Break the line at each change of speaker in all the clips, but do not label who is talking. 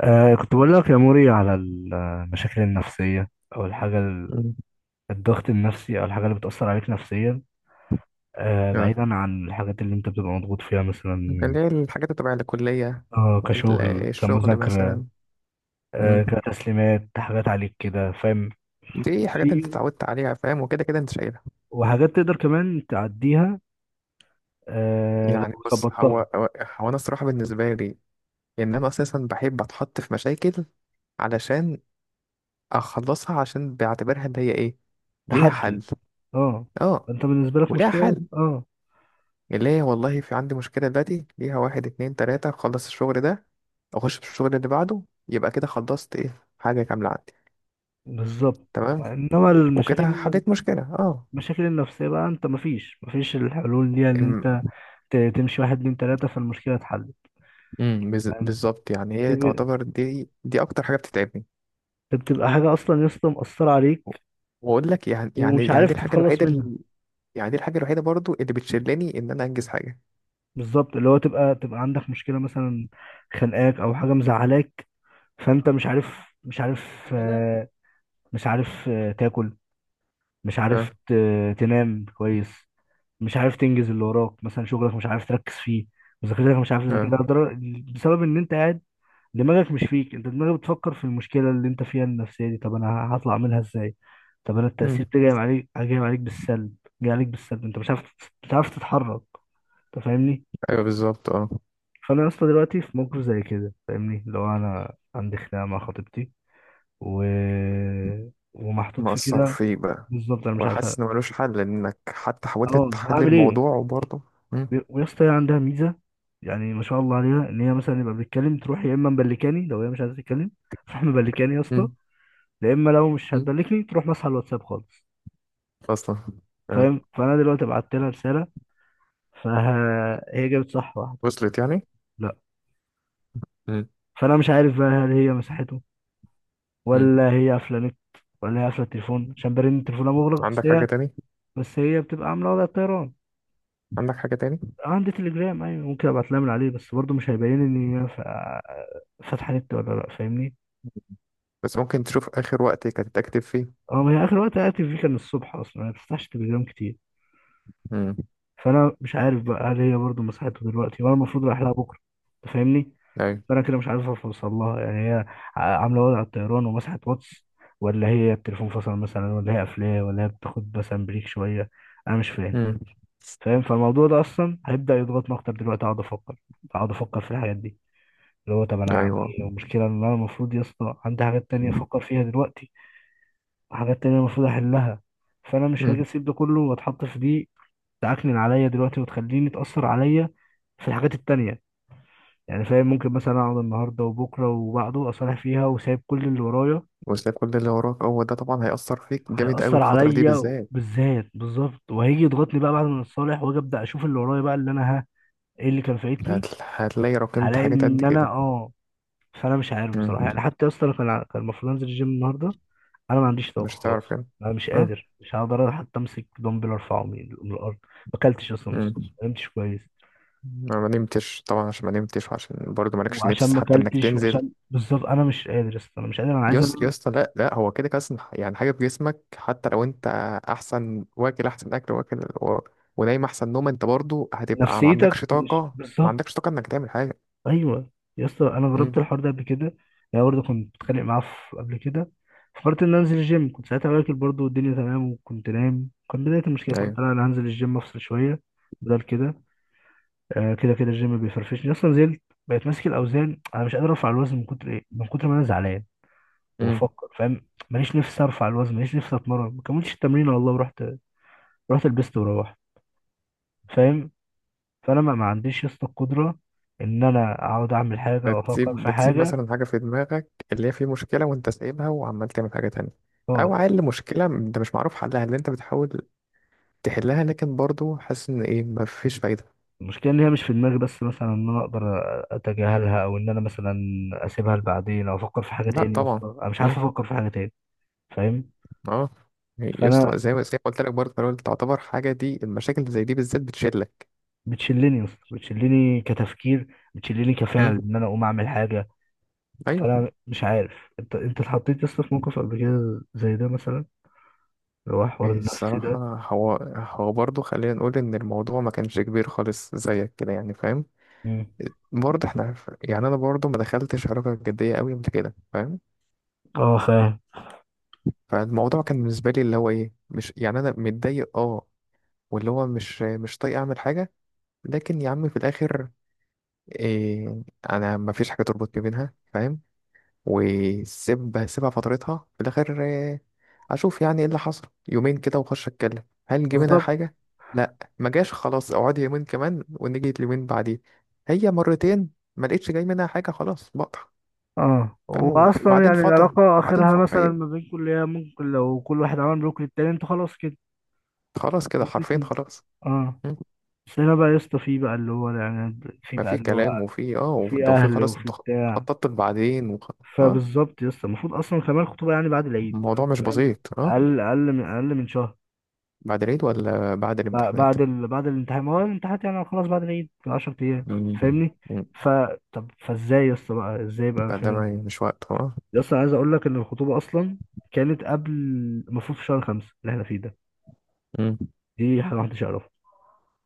كنت بقول لك يا موري على المشاكل النفسية أو
مم.
الضغط النفسي أو الحاجة اللي بتأثر عليك نفسيا.
اه.
بعيدا عن الحاجات اللي أنت بتبقى مضغوط فيها مثلا.
اللي هي الحاجات اللي تبع الكلية.
كشغل،
الشغل
كمذاكرة،
مثلا. مم.
كتسليمات، حاجات عليك كده، فاهم؟
دي حاجات انت
في.
اتعودت عليها، فاهم، وكده كده انت شايلها.
وحاجات تقدر كمان تعديها،
يعني
لو
بص، هو
ظبطتها.
هو هو انا الصراحة بالنسبة لي ان انا اساسا بحب اتحط في مشاكل علشان اخلصها، عشان بعتبرها اللي هي ايه، ليها حل.
تحدي. اه.
اه،
أنت بالنسبة لك
وليها
مشكلة بس.
حل.
اه.
اللي هي والله في عندي مشكلة دلوقتي، ليها 1 2 3 اخلص الشغل ده، اخش في الشغل اللي بعده، يبقى كده خلصت ايه، حاجة كاملة عندي.
بالظبط.
تمام.
انما
وكده
المشاكل
حليت مشكلة. اه.
المشاكل النفسيه بقى، انت مفيش الحلول دي، ان
الم-
انت تمشي واحد اتنين تلاتة فالمشكلة اتحلت. يعني
بالظبط. يعني هي
تبقى
تعتبر دي اكتر حاجة بتتعبني.
بتبقى حاجة أصلا يا اسطى مأثرة عليك
واقول لك، يعني يعني
ومش
يعني
عارف
دي الحاجة
تتخلص
الوحيدة
منها.
اللي، يعني دي الحاجة الوحيدة برضو اللي بتشلني ان انا انجز حاجة.
بالظبط، اللي هو تبقى تبقى عندك مشكلة مثلا خانقاك أو حاجة مزعلاك، فأنت مش عارف آه، مش عارف تاكل، مش
اه.
عارف تنام كويس، مش عارف تنجز اللي وراك مثلا شغلك، مش عارف تركز فيه، مذاكرتك مش عارف
اه.
تذاكرها، بسبب إن أنت قاعد دماغك مش فيك. انت دماغك بتفكر في المشكله اللي انت فيها النفسيه دي، طب انا هطلع منها ازاي؟ طب انا
امم.
التاثير ده جاي عليك بالسلب. انت مش عارف مش عارف تتحرك. انت فاهمني؟
ايوه بالظبط. اه.
فانا يا اسطى دلوقتي في موقف زي كده، فاهمني، لو انا عندي خناقه مع خطيبتي و... ومحطوط في
مأثر
كده.
فيك بقى.
بالظبط انا مش عارف
وحاسس ان ملوش حل، انك حتى حاولت
اه
تحل
هعمل ايه.
الموضوع وبرضه. امم.
ويا اسطى هي عندها ميزه، يعني ما شاء الله عليها، ان هي مثلا يبقى بتتكلم تروح يا اما مبلكاني، لو هي مش عايزه تتكلم تروح مبلكاني يا اسطى.
امم.
لا اما لو مش
امم.
هتدلكني تروح ماسحه الواتساب خالص،
اصلا. اه.
فاهم؟ فانا دلوقتي بعت لها رساله، فهي جابت صح واحده.
وصلت يعني.
لا.
امم.
فانا مش عارف بقى، هل هي مسحته،
امم.
ولا هي قافله نت، ولا هي قافله التليفون عشان برن تليفونها مغلق، بس
عندك حاجة
هي
تاني؟
بتبقى عامله وضع الطيران.
عندك حاجة تاني؟
عندي تليجرام، ايوه، ممكن ابعت لها من عليه، بس برضه مش هيبين ان هي فاتحه نت ولا لا، فاهمني؟
بس ممكن تشوف اخر وقت كانت اكتب فيه.
اه. ما هي اخر وقت قعدت فيه كان الصبح، اصلا ما بفتحش تليجرام كتير.
امم.
فانا مش عارف بقى، هل هي برضه مسحته دلوقتي، وانا المفروض رايح لها بكره. أنت فاهمني؟
ايوه.
فانا كده مش عارف اوصل لها، يعني هي عامله وضع الطيران ومسحت واتس، ولا هي التليفون فصل مثلا، ولا هي قافلاه، ولا هي بتاخد مثلا بريك شويه. انا مش فاهم.
امم.
فاهم؟ فالموضوع ده اصلا هيبدا يضغطني اكتر دلوقتي، اقعد افكر في الحاجات دي، اللي هو طب انا هعمل
ايوه.
ايه. والمشكله ان انا المفروض يا اسطى عندي حاجات تانية افكر فيها دلوقتي، وحاجات تانية المفروض احلها، فانا مش هاجي
امم.
اسيب ده كله واتحط في دي تعكنن عليا دلوقتي وتخليني اتاثر عليا في الحاجات التانية. يعني فاهم، ممكن مثلا اقعد النهارده وبكره وبعده اصالح فيها وسايب كل اللي ورايا،
وتلاقي كل اللي وراك، هو ده طبعا هيأثر فيك جامد قوي
هيأثر
الفترة دي
عليا
بالذات.
بالذات بالظبط. وهيجي يضغطني بقى بعد ما اتصالح واجي ابدا اشوف اللي ورايا بقى، اللي انا ها ايه اللي كان فايتني.
هتلاقي رقمت
هلاقي
حاجات قد
ان انا
كده.
فانا مش عارف بصراحه،
امم.
يعني حتى اصلا كان كان المفروض انزل الجيم النهارده، انا ما عنديش طاقه
مش
خلاص.
هتعرف يعني.
انا مش
اه.
قادر، مش هقدر حتى امسك دمبل ارفعه من الارض، ما اكلتش اصلا من
امم.
الصبح، ما نمتش كويس،
انا ما نمتش طبعا، عشان ما نمتش وعشان برضه مالكش
وعشان
نفس
ما
حتى انك
اكلتش،
تنزل.
وعشان بالظبط انا مش قادر يا اسطى، انا مش قادر، انا عايز
يس يا
أنام.
اسطى، لا لا، هو كده كده أصلاً يعني حاجة في جسمك. حتى لو انت احسن واكل احسن اكل واكل ونايم احسن نوم، انت برضه هتبقى ما
نفسيتك
عندكش
مش
طاقة، ما
بالظبط.
عندكش طاقة انك تعمل حاجة.
ايوه يا اسطى، انا جربت
امم.
الحوار ده قبل كده، يعني برضه كنت بتخانق معاه قبل كده، فكرت ان أنا انزل الجيم، كنت ساعتها واكل برضه والدنيا تمام، وكنت نايم، كان بدايه المشكله، فقلت لا انا هنزل الجيم افصل شويه بدل كده. كده كده الجيم بيفرفشني اصلا. نزلت بقيت ماسك الاوزان، انا مش قادر ارفع الوزن من كتر ايه، من كتر ما انا زعلان
ايوه.
وبفكر، فاهم؟ ماليش نفسي ارفع الوزن، ماليش نفسي اتمرن، ما كملتش التمرين والله، ورحت رحت لبست وروحت، فاهم؟ فانا ما عنديش يا اسطى القدره ان انا اقعد اعمل حاجه او افكر في
ده تسيب
حاجه.
مثلا حاجة في دماغك، اللي هي في مشكلة وانت سايبها وعمال تعمل حاجة تانية. أو
اه.
عيل مشكلة انت مش معروف حلها، اللي انت بتحاول تحلها لكن برضو حاسس ان ايه، مفيش فايدة.
المشكلة ان هي مش في دماغي بس مثلا، ان انا اقدر اتجاهلها او ان انا مثلا اسيبها لبعدين او افكر في حاجة
لا
تاني، يا
طبعا.
اسطى انا مش عارف
مم.
افكر في حاجة تاني، فاهم؟
اه. يا
فانا
اسطى، زي ما قلت لك برضه في الأول، تعتبر حاجة دي، المشاكل اللي زي دي بالذات بتشلك.
بتشلني يا اسطى، بتشلني كتفكير، بتشلني كفعل
مم.
ان انا اقوم اعمل حاجة.
ايوه.
فانا مش عارف، انت اتحطيت يا اسطى في موقف قبل كده زي ده مثلا، اللي هو حوار
إيه
النفسي
الصراحة.
ده؟
هو برضه، خلينا نقول ان الموضوع ما كانش كبير خالص زيك كده يعني فاهم.
مم.
برضه احنا، يعني انا برضه ما دخلتش علاقة جدية قوي من كده فاهم.
اه، فاهم.
فالموضوع كان بالنسبة لي اللي هو ايه، مش يعني انا متضايق اه، واللي هو مش طايق اعمل حاجة. لكن يا عم في الاخر، إيه، انا ما فيش حاجة تربط ما بينها فاهم. وسيب سيبها فترتها في الاخر. إيه، اشوف يعني ايه اللي حصل يومين كده واخش اتكلم، هل جه منها
بالظبط.
حاجة؟ لا، ما جاش، خلاص اقعدي يومين كمان، ونيجي اليومين بعديه. هي مرتين. ما لقيتش جاي منها حاجة، خلاص بقطع.
اه،
فاهم.
واصلا يعني العلاقة
وبعدين
اخرها
فترة
مثلا
هي،
ما بينكم، اللي هي ممكن لو كل واحد عمل بلوك للتاني انتوا خلاص كده،
خلاص كده حرفين
ممكن.
خلاص.
اه. بس هنا بقى يا اسطى في بقى اللي هو،
ما في كلام، وفي
وفي
ده، وفي
اهل
خلاص،
وفي
انت
بتاع.
خططت بعدين اه.
فبالظبط يا اسطى المفروض اصلا كمان الخطوبه يعني بعد العيد،
الموضوع
أنت
مش
فاهم؟
بسيط، اه.
اقل من شهر.
بعد العيد ولا بعد الامتحانات؟
بعد الامتحان، ما هو الامتحانات يعني خلاص بعد العيد ب 10 ايام،
مم.
فاهمني؟
مم.
ف طب فازاي يا اسطى بقى، ازاي بقى،
فده
فاهمني؟
ما مش وقت، اه.
يا اسطى، أنا عايز اقول لك ان الخطوبه اصلا كانت قبل، المفروض في شهر خمسة اللي احنا فيه ده،
مم.
دي حاجه محدش يعرفها،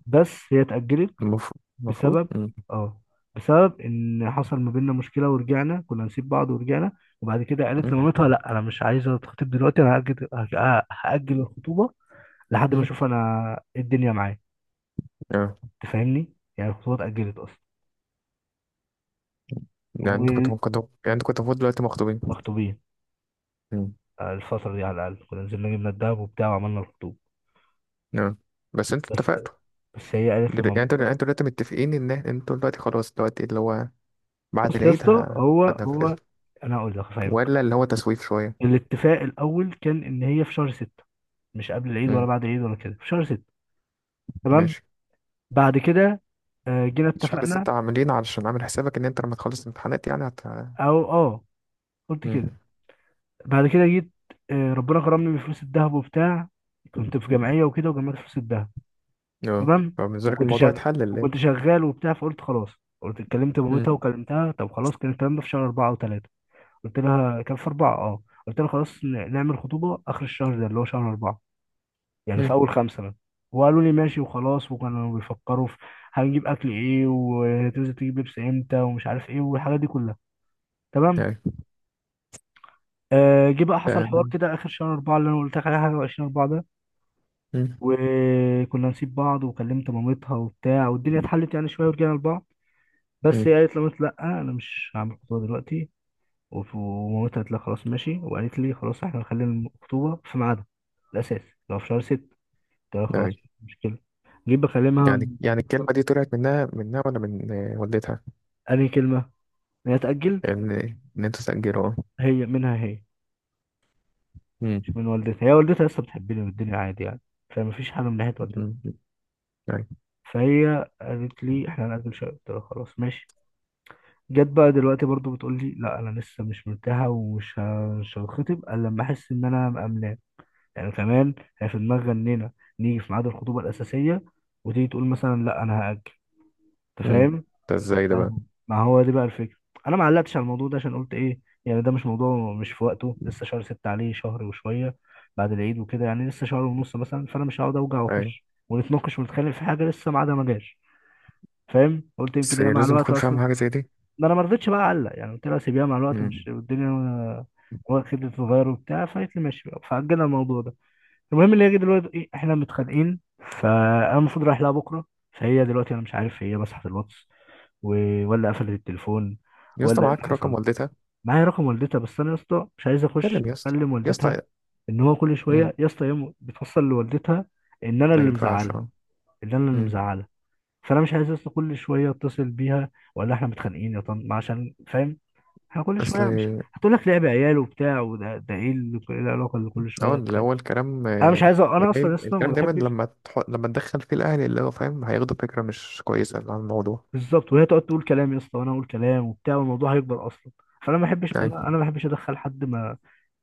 بس هي اتاجلت
المفروض.
بسبب،
مم.
اه بسبب ان حصل ما بيننا مشكله ورجعنا، كنا نسيب بعض ورجعنا. وبعد كده قالت
مم.
لمامتها لا انا مش عايزه اتخطب دلوقتي، انا هاجل الخطوبه لحد ما
مم.
اشوف انا إيه الدنيا معايا،
اه.
تفهمني؟ يعني الخطوبه اتاجلت اصلا.
يعني انتوا كنتوا ممكن يعني انتوا كنتوا المفروض دلوقتي مخطوبين.
ومخطوبين.
مم.
الفتره دي على الاقل كنا نزلنا جبنا الدهب وبتاع وعملنا الخطوبه.
اه. بس انتوا
بس.
اتفقتوا.
بس هي قالت
يعني انتوا يعني
لمامتها،
انتوا دلوقتي متفقين ان انتوا دلوقتي خلاص دلوقتي اللي هو بعد
بص يا
العيد
اسطى، هو
هتنفذوا،
هو انا هقول لك هفهمك.
ولا اللي هو تسويف شوية.
الاتفاق الاول كان ان هي في شهر ستة، مش قبل العيد ولا
مم.
بعد العيد ولا كده، في شهر ستة. تمام.
ماشي.
بعد كده جينا
شهر
اتفقنا.
6، عاملين علشان عامل حسابك إن أنت لما تخلص الامتحانات يعني هت.
او اه قلت
مم.
كده. بعد كده جيت، ربنا كرمني بفلوس الذهب وبتاع، كنت في جمعيه وكده وجمعت فلوس الذهب.
أه.
تمام.
فبالنسبة لك
وكنت
الموضوع
شغال،
يتحل اللي إيه؟
وبتاع، فقلت خلاص. قلت اتكلمت
مم.
مامتها وكلمتها، طب خلاص، كان الكلام ده في شهر أربعة أو ثلاثة، قلت لها كان في أربعة. قلت لها خلاص نعمل خطوبة آخر الشهر ده اللي هو شهر أربعة، يعني في
مم.
أول خمسة بقى. وقالوا لي ماشي وخلاص، وكانوا بيفكروا في هنجيب أكل إيه، وتنزل تجيب لبس إمتى، ومش عارف إيه، والحاجات دي كلها. تمام.
أيوة.
جه بقى حصل حوار
آه.
كده اخر شهر اربعه اللي انا قلت لك عليه، حاجه وعشرين اربعه ده.
مم.
وكنا نسيب بعض، وكلمت مامتها وبتاع والدنيا اتحلت يعني شويه ورجعنا لبعض. بس
مم.
هي قالت لمامتي لا انا مش هعمل خطوبه دلوقتي، ومامتها قالت لها خلاص ماشي، وقالت لي خلاص احنا هنخلي الخطوبه في ميعادها الاساس لو في شهر ست، قلت لها خلاص
أيوة.
مش مشكله. جيت بكلمها.
يعني الكلمة دي طلعت منها ولا من والدتها؟
انهي كلمه؟ هي تاجل.
إن إن أنت تسجله، أه.
هي منها، هي
مم.
مش من والدتها، هي والدتها لسه بتحبني والدنيا عادي يعني، فمفيش حاجه من ناحيه
مم.
والدتها.
أيوة.
فهي قالت لي احنا هنأجل شوية، قلت لها خلاص ماشي. جت بقى دلوقتي برضو بتقول لي لا انا لسه مش مرتاحه، مش هتخطب الا لما احس ان انا مأمناه، يعني كمان. هي في دماغ غنينا نيجي في ميعاد الخطوبه الاساسيه، وتيجي تقول مثلا لا انا هأجل. انت
مم.
فاهم؟
ده
أنا
إزاي
مش
ده
عايز-
بقى.
ما هو دي بقى الفكره. انا ما علقتش على الموضوع ده عشان قلت ايه، يعني ده مش موضوع مش في وقته لسه شهر ستة، عليه شهر وشويه بعد العيد وكده، يعني لسه شهر ونص مثلا، فانا مش هقعد اوجع
أيوة.
واخش ونتناقش ونتخانق في حاجه لسه ميعادها ما جاش، فاهم؟ قلت يمكن
بس
هي
هي
مع
لازم
الوقت
تكون فاهم
اصلا،
حاجة زي دي.
ما انا ما رضيتش بقى اعلق، يعني قلت لها سيبيها مع الوقت، مش
مم.
والدنيا هو كده تتغير وبتاع. فقالت لي ماشي بقى، فاجلنا الموضوع ده. المهم اللي هي دلوقتي ايه، احنا متخانقين، فانا المفروض رايح لها بكره، فهي دلوقتي انا مش عارف هي مسحت الواتس، ولا قفلت التليفون،
يا اسطى
ولا ايه اللي
معاك رقم
حصل.
والدتها؟
معايا رقم والدتها، بس انا يا اسطى مش عايز
كلم
اخش
يا اسطى،
اكلم
يا اسطى.
والدتها، ان هو كل
مم.
شويه يا اسطى هي بتوصل لوالدتها ان انا
ما
اللي
ينفعش،
مزعلها،
أه.
ان انا اللي
مم.
مزعلها فانا مش عايز لسه كل شويه اتصل بيها ولا احنا متخانقين يا طن، عشان فاهم احنا كل شويه مش
أصل.
هتقول لك لعب عيال وبتاع، وده ده ايه إيه العلاقه اللي كل
اه
شويه
اللي
تخانق؟
هو الكلام،
انا مش عايز انا
يعني
اصلا
إيه،
لسه ما
الكلام دايما
بحبش.
لما لما تدخل فيه الأهل، اللي هو فاهم، هياخدوا فكرة مش كويسة عن الموضوع.
بالظبط، وهي تقعد تقول كلام يا اسطى وانا اقول كلام وبتاع والموضوع هيكبر اصلا، فانا ما بحبش، انا
أيوة.
انا ما بحبش ادخل حد ما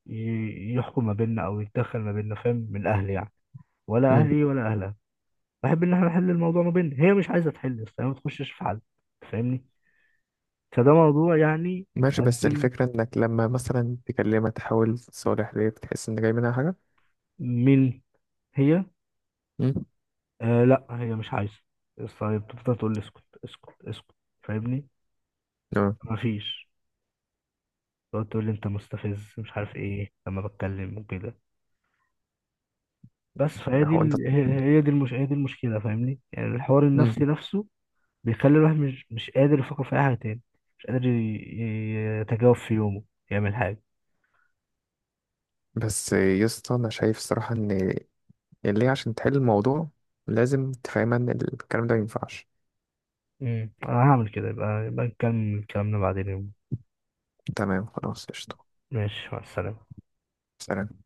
يحكم ما بيننا او يتدخل ما بيننا، فاهم؟ من اهلي يعني، ولا
أمم.
اهلي ولا اهلها. بحب ان احنا نحل الموضوع ما بيننا، هي مش عايزه تحل يا اسطى، هي ما تخشش في حل، فاهمني؟ فده موضوع يعني
ماشي، بس
مأزمني.
الفكرة إنك لما مثلا تكلمها تحاول تصالح، ليه بتحس إن جاي منها حاجة؟
مين؟ هي؟
أمم.
آه، لا هي مش عايزه، بس هي بتفضل تقول لي اسكت اسكت اسكت، فاهمني؟
اه.
مفيش. تقعد تقول لي انت مستفز مش عارف ايه لما بتكلم وكده، بس فهي دي
هو أنت.
ال... هي هي دي المش... هي دي المشكله، فاهمني؟ يعني الحوار
أمم.
النفسي نفسه بيخلي الواحد مش قادر يفكر في اي حاجه تاني، مش قادر يتجاوب في يومه، يعمل حاجه.
بس يا اسطى، أنا شايف الصراحة إن اللي هي، عشان تحل الموضوع لازم تفهمها إن الكلام ده مينفعش.
انا هعمل كده، يبقى نكمل كلامنا بعدين يوم.
تمام، خلاص قشطة.
ماشي، مع السلامه.
سلام.